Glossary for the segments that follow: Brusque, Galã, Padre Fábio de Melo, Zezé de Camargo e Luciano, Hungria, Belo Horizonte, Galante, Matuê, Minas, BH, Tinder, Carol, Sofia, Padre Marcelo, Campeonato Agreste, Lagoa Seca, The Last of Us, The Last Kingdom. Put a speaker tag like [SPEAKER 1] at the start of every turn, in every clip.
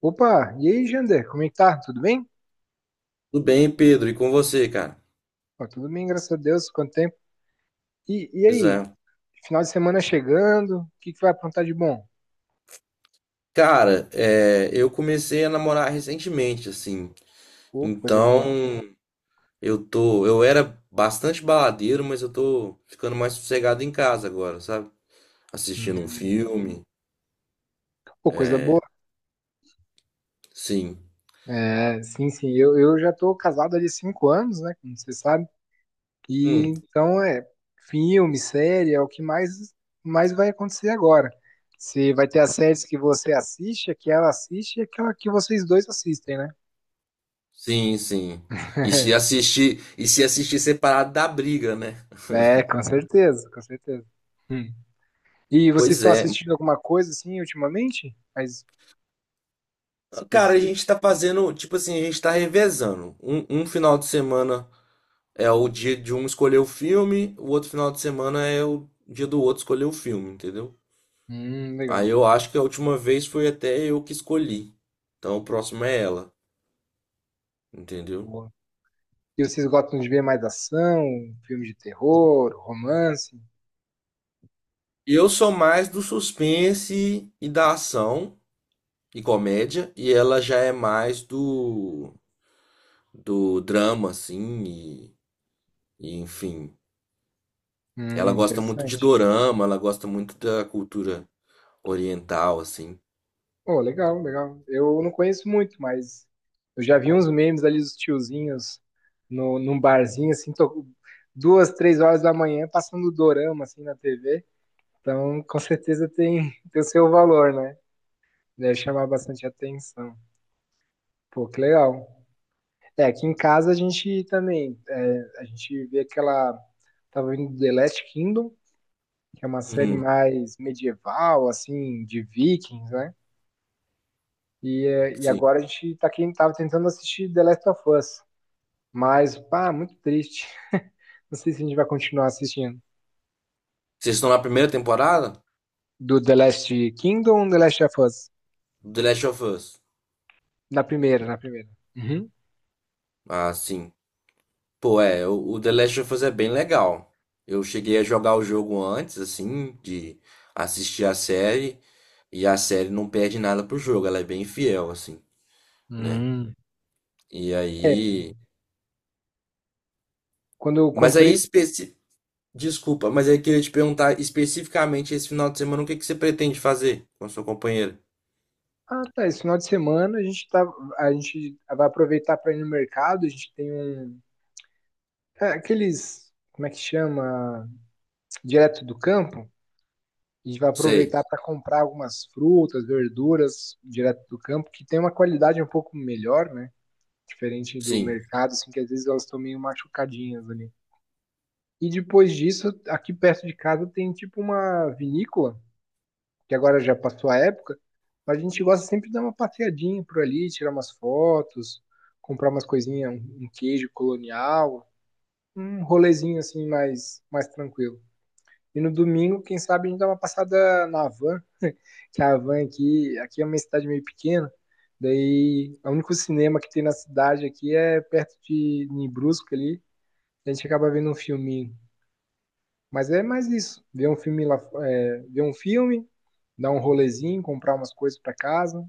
[SPEAKER 1] Opa, e aí, Jander? Como é que tá? Tudo bem?
[SPEAKER 2] Tudo bem, Pedro? E com você, cara?
[SPEAKER 1] Ó, tudo bem, graças a Deus. Quanto tempo? E, e
[SPEAKER 2] Pois
[SPEAKER 1] aí,
[SPEAKER 2] é.
[SPEAKER 1] final de semana chegando, o que que vai aprontar de bom?
[SPEAKER 2] Cara, eu comecei a namorar recentemente, assim.
[SPEAKER 1] Pô, coisa
[SPEAKER 2] Então,
[SPEAKER 1] boa.
[SPEAKER 2] eu era bastante baladeiro, mas eu tô ficando mais sossegado em casa agora, sabe? Assistindo um
[SPEAKER 1] Uhum.
[SPEAKER 2] filme.
[SPEAKER 1] Pô, coisa boa.
[SPEAKER 2] Sim.
[SPEAKER 1] É, sim, sim, eu já tô casado ali há 5 anos, né? Como você sabe. E
[SPEAKER 2] Hum,
[SPEAKER 1] então é filme, série, é o que mais, mais vai acontecer agora. Você vai ter as séries que você assiste, a que ela assiste e aquela que vocês dois assistem, né?
[SPEAKER 2] sim, sim. E se assistir separado da briga, né?
[SPEAKER 1] É, com certeza, com certeza. Hum. E vocês
[SPEAKER 2] Pois
[SPEAKER 1] estão
[SPEAKER 2] é.
[SPEAKER 1] assistindo alguma coisa assim ultimamente? Mais
[SPEAKER 2] Cara, a
[SPEAKER 1] específica?
[SPEAKER 2] gente tá fazendo, tipo assim, a gente tá revezando. Um final de semana é o dia de um escolher o filme, o outro final de semana é o dia do outro escolher o filme, entendeu? Aí
[SPEAKER 1] Legal.
[SPEAKER 2] eu acho que a última vez foi até eu que escolhi. Então o próximo é ela, entendeu?
[SPEAKER 1] Boa. E vocês gostam de ver mais ação, filme de terror, romance?
[SPEAKER 2] Eu sou mais do suspense e da ação e comédia, e ela já é mais do drama, assim, e enfim. Ela gosta muito de
[SPEAKER 1] Interessante.
[SPEAKER 2] dorama, ela gosta muito da cultura oriental, assim.
[SPEAKER 1] Oh, legal, legal. Eu não conheço muito, mas eu já vi uns memes ali dos tiozinhos no, num barzinho, assim, duas, três horas da manhã, passando dorama, assim, na TV. Então, com certeza tem, tem o seu valor, né? Deve chamar bastante atenção. Pô, que legal. É, aqui em casa a gente também, é, a gente vê aquela, tava vendo The Last Kingdom, que é uma série
[SPEAKER 2] Uhum,
[SPEAKER 1] mais medieval, assim, de vikings, né? E, é, e
[SPEAKER 2] sim.
[SPEAKER 1] agora a gente tá aqui, tava tentando assistir The Last of Us, mas, pá, muito triste. Não sei se a gente vai continuar assistindo.
[SPEAKER 2] Vocês estão na primeira temporada?
[SPEAKER 1] Do The Last Kingdom ou The Last of Us?
[SPEAKER 2] Do The Last of Us.
[SPEAKER 1] Na primeira, na primeira. Uhum.
[SPEAKER 2] Ah, sim. Pô, é, o The Last of Us é bem legal. Eu cheguei a jogar o jogo antes, assim, de assistir a série, e a série não perde nada pro jogo, ela é bem fiel, assim, né?
[SPEAKER 1] Hum.
[SPEAKER 2] E
[SPEAKER 1] É,
[SPEAKER 2] aí.
[SPEAKER 1] quando eu
[SPEAKER 2] Mas aí,
[SPEAKER 1] comprei,
[SPEAKER 2] especi... Desculpa, mas aí eu queria te perguntar especificamente esse final de semana, o que que você pretende fazer com a sua companheira?
[SPEAKER 1] ah, tá, esse final de semana a gente tá, a gente vai aproveitar para ir no mercado, a gente tem um... É, aqueles, como é que chama? Direto do campo. A gente vai
[SPEAKER 2] Sei,
[SPEAKER 1] aproveitar para comprar algumas frutas, verduras direto do campo, que tem uma qualidade um pouco melhor, né? Diferente do
[SPEAKER 2] sim,
[SPEAKER 1] mercado, assim, que às vezes elas estão meio machucadinhas ali. E depois disso, aqui perto de casa tem tipo uma vinícola, que agora já passou a época, mas a gente gosta sempre de dar uma passeadinha por ali, tirar umas fotos, comprar umas coisinhas, um queijo colonial, um rolezinho assim mais, mais tranquilo. E no domingo, quem sabe, a gente dá uma passada na van, que a van aqui, aqui é uma cidade meio pequena. Daí, é o único cinema que tem na cidade aqui é perto de em Brusque ali. A gente acaba vendo um filminho. Mas é mais isso. Ver um filme lá, é, ver um filme, dar um rolezinho, comprar umas coisas para casa,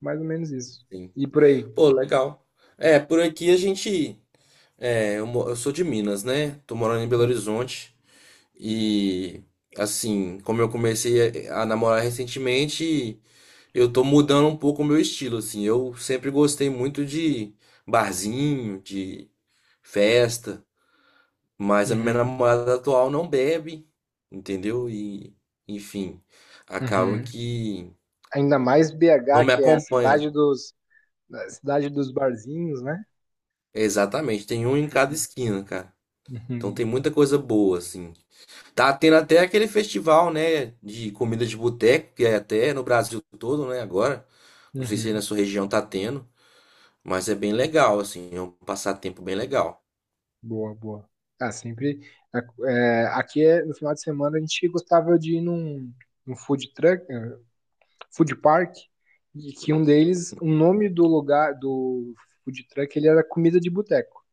[SPEAKER 1] mais ou menos isso.
[SPEAKER 2] sim.
[SPEAKER 1] E por aí.
[SPEAKER 2] Pô, legal. É, por aqui a gente. Eu sou de Minas, né? Tô morando em Belo Horizonte. E assim, como eu comecei a namorar recentemente, eu tô mudando um pouco o meu estilo, assim. Eu sempre gostei muito de barzinho, de festa, mas a minha
[SPEAKER 1] Uhum,
[SPEAKER 2] namorada atual não bebe, entendeu? E, enfim, acaba
[SPEAKER 1] uhum.
[SPEAKER 2] que
[SPEAKER 1] Ainda mais
[SPEAKER 2] não
[SPEAKER 1] BH,
[SPEAKER 2] me
[SPEAKER 1] que é
[SPEAKER 2] acompanha.
[SPEAKER 1] a cidade dos barzinhos, né?
[SPEAKER 2] Exatamente, tem um em cada esquina, cara. Então
[SPEAKER 1] Uhum,
[SPEAKER 2] tem muita coisa boa, assim. Tá tendo até aquele festival, né, de comida de boteco, que é até no Brasil todo, né, agora. Não sei se aí na
[SPEAKER 1] uhum.
[SPEAKER 2] sua região tá tendo, mas é bem legal, assim, é um passatempo bem legal.
[SPEAKER 1] Boa, boa. Ah, sempre. É, é, aqui é, no final de semana a gente gostava de ir num, num food truck, eh, food park, e que um deles, o nome do lugar do food truck, ele era comida de boteco.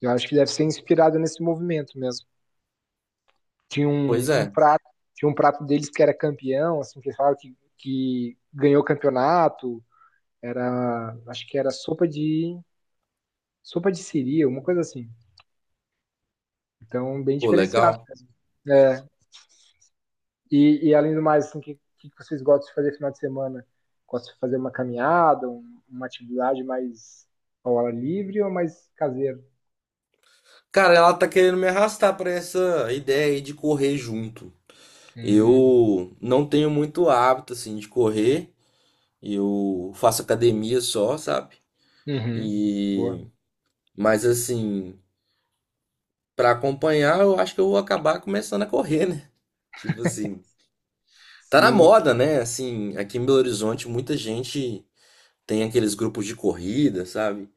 [SPEAKER 1] Eu acho que deve ser inspirado nesse movimento mesmo. Tinha
[SPEAKER 2] Pois
[SPEAKER 1] um, um
[SPEAKER 2] é,
[SPEAKER 1] prato, tinha um prato deles que era campeão, assim, que eles falavam que ganhou o campeonato. Era, acho que era sopa de siri, uma coisa assim. Então, bem
[SPEAKER 2] pô,
[SPEAKER 1] diferenciado
[SPEAKER 2] legal.
[SPEAKER 1] mesmo. É, e além do mais, assim, o que, que vocês gostam de fazer no final de semana? Gostam de fazer uma caminhada, uma atividade mais ao ar livre ou mais caseira?
[SPEAKER 2] Cara, ela tá querendo me arrastar pra essa ideia aí de correr junto.
[SPEAKER 1] Hum,
[SPEAKER 2] Eu não tenho muito hábito, assim, de correr. Eu faço academia só, sabe?
[SPEAKER 1] uhum, boa.
[SPEAKER 2] E... Mas, assim, pra acompanhar, eu acho que eu vou acabar começando a correr, né? Tipo assim, tá na
[SPEAKER 1] Sim,
[SPEAKER 2] moda, né? Assim, aqui em Belo Horizonte, muita gente tem aqueles grupos de corrida, sabe?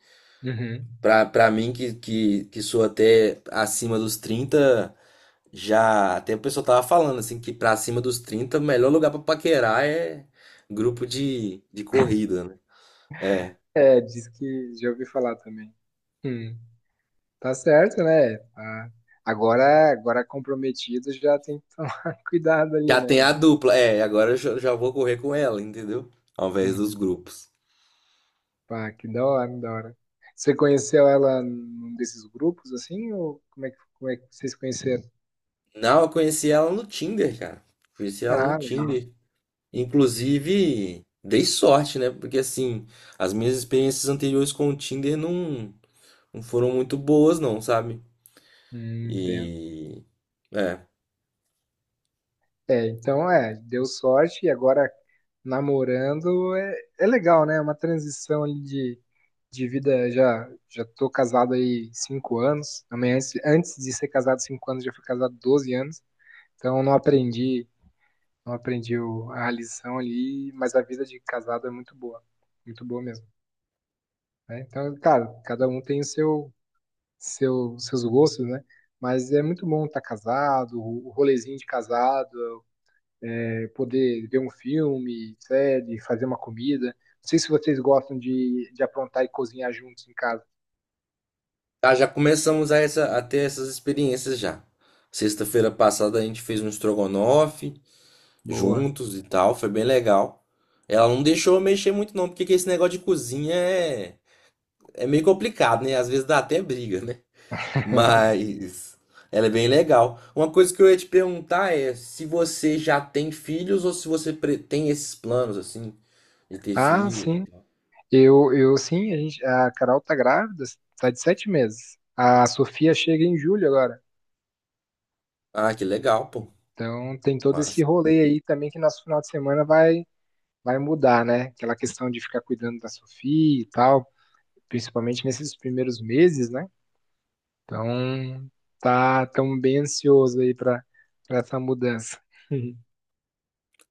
[SPEAKER 1] uhum.
[SPEAKER 2] Pra mim, que sou até acima dos 30, já até o pessoal tava falando, assim, que pra acima dos 30 o melhor lugar pra paquerar é grupo de corrida, né? É.
[SPEAKER 1] É, diz que já ouvi falar também. Hum, tá certo, né? Tá. Agora, agora comprometido já tem que tomar cuidado ali,
[SPEAKER 2] Já
[SPEAKER 1] né?
[SPEAKER 2] tem a
[SPEAKER 1] Mano?
[SPEAKER 2] dupla, é, agora eu já vou correr com ela, entendeu? Ao invés dos
[SPEAKER 1] Uhum.
[SPEAKER 2] grupos.
[SPEAKER 1] Pá, que da hora, da hora. Você conheceu ela num desses grupos assim, ou como é que vocês conheceram?
[SPEAKER 2] Não, eu conheci ela no Tinder, cara. Conheci ela no
[SPEAKER 1] Ah, legal.
[SPEAKER 2] Tinder. Inclusive, dei sorte, né? Porque assim, as minhas experiências anteriores com o Tinder não foram muito boas, não, sabe?
[SPEAKER 1] Entendo.
[SPEAKER 2] E é.
[SPEAKER 1] É, então é, deu sorte e agora namorando é, é legal, né? É uma transição ali de vida. Já já tô casado aí 5 anos. Também antes, antes de ser casado 5 anos, já fui casado 12 anos. Então não aprendi, não aprendi a lição ali, mas a vida de casado é muito boa mesmo. Né? Então, cara, cada um tem o seu, seu, seus gostos, né? Mas é muito bom estar casado, o rolezinho de casado. Poder ver um filme, série, fazer uma comida. Não sei se vocês gostam de aprontar e cozinhar juntos em casa.
[SPEAKER 2] Ah, já começamos a ter essas experiências já. Sexta-feira passada a gente fez um estrogonofe
[SPEAKER 1] Boa.
[SPEAKER 2] juntos e tal, foi bem legal. Ela não deixou eu mexer muito não, porque que esse negócio de cozinha é, é meio complicado, né? Às vezes dá até briga, né? Mas ela é bem legal. Uma coisa que eu ia te perguntar é se você já tem filhos ou se você tem esses planos assim de ter
[SPEAKER 1] Ah,
[SPEAKER 2] filhos.
[SPEAKER 1] sim. Eu sim, a gente, a Carol tá grávida, tá de 7 meses. A Sofia chega em julho agora.
[SPEAKER 2] Ah, que legal, pô.
[SPEAKER 1] Então tem todo esse
[SPEAKER 2] Massa.
[SPEAKER 1] rolê aí também que nosso final de semana vai, vai mudar, né? Aquela questão de ficar cuidando da Sofia e tal, principalmente nesses primeiros meses, né? Então tá tão bem ansioso aí para essa mudança.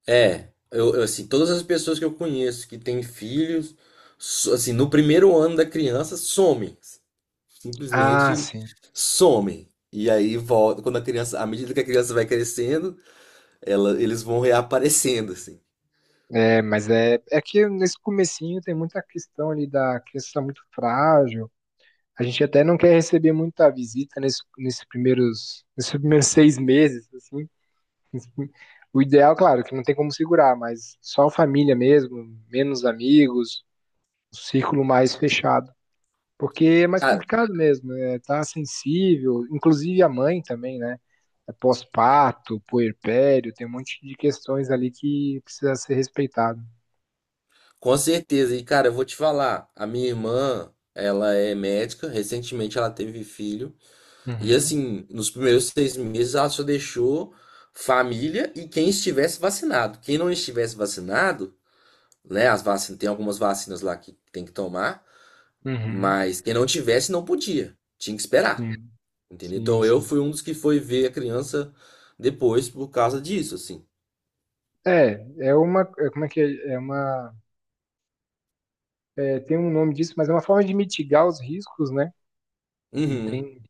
[SPEAKER 2] Assim, todas as pessoas que eu conheço que têm filhos, assim, no primeiro ano da criança somem,
[SPEAKER 1] Ah,
[SPEAKER 2] simplesmente
[SPEAKER 1] sim.
[SPEAKER 2] somem. E aí volta quando a criança, à medida que a criança vai crescendo, eles vão reaparecendo assim.
[SPEAKER 1] É, mas é, é que nesse comecinho tem muita questão ali da criança tá muito frágil. A gente até não quer receber muita visita nesse, nesses primeiros 6 meses, assim. O ideal, claro, que não tem como segurar, mas só a família mesmo, menos amigos, um círculo mais fechado. Porque é mais complicado mesmo, é, tá sensível, inclusive a mãe também, né? É pós-parto, puerpério, tem um monte de questões ali que precisa ser respeitado.
[SPEAKER 2] Com certeza. E, cara, eu vou te falar, a minha irmã, ela é médica, recentemente ela teve filho, e
[SPEAKER 1] Uhum.
[SPEAKER 2] assim, nos primeiros 6 meses ela só deixou família e quem estivesse vacinado. Quem não estivesse vacinado, né, as vacinas, tem algumas vacinas lá que tem que tomar,
[SPEAKER 1] Uhum.
[SPEAKER 2] mas quem não tivesse não podia, tinha que esperar,
[SPEAKER 1] Sim,
[SPEAKER 2] entendeu?
[SPEAKER 1] sim,
[SPEAKER 2] Então eu
[SPEAKER 1] sim.
[SPEAKER 2] fui um dos que foi ver a criança depois por causa disso, assim.
[SPEAKER 1] É, é uma, é, como é que é? É uma, é, tem um nome disso, mas é uma forma de mitigar os riscos, né? Não
[SPEAKER 2] Uhum.
[SPEAKER 1] tem,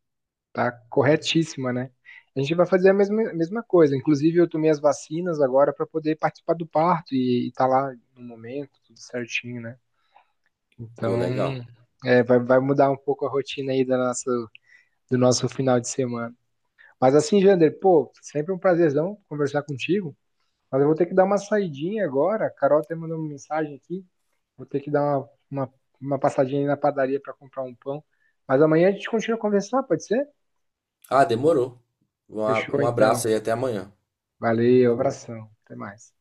[SPEAKER 1] tá corretíssima, né? A gente vai fazer a mesma coisa. Inclusive, eu tomei as vacinas agora para poder participar do parto e tá lá no momento, tudo certinho, né?
[SPEAKER 2] Pô,
[SPEAKER 1] Então,
[SPEAKER 2] legal.
[SPEAKER 1] é, vai, vai mudar um pouco a rotina aí da nossa, do nosso final de semana. Mas assim, Jander, pô, sempre um prazerzão conversar contigo. Mas eu vou ter que dar uma saidinha agora. A Carol até mandou uma mensagem aqui. Vou ter que dar uma passadinha aí na padaria para comprar um pão. Mas amanhã a gente continua a conversar, pode ser?
[SPEAKER 2] Ah, demorou.
[SPEAKER 1] Fechou
[SPEAKER 2] Um
[SPEAKER 1] então.
[SPEAKER 2] abraço aí, até amanhã.
[SPEAKER 1] Valeu,
[SPEAKER 2] Falou.
[SPEAKER 1] abração. Até mais.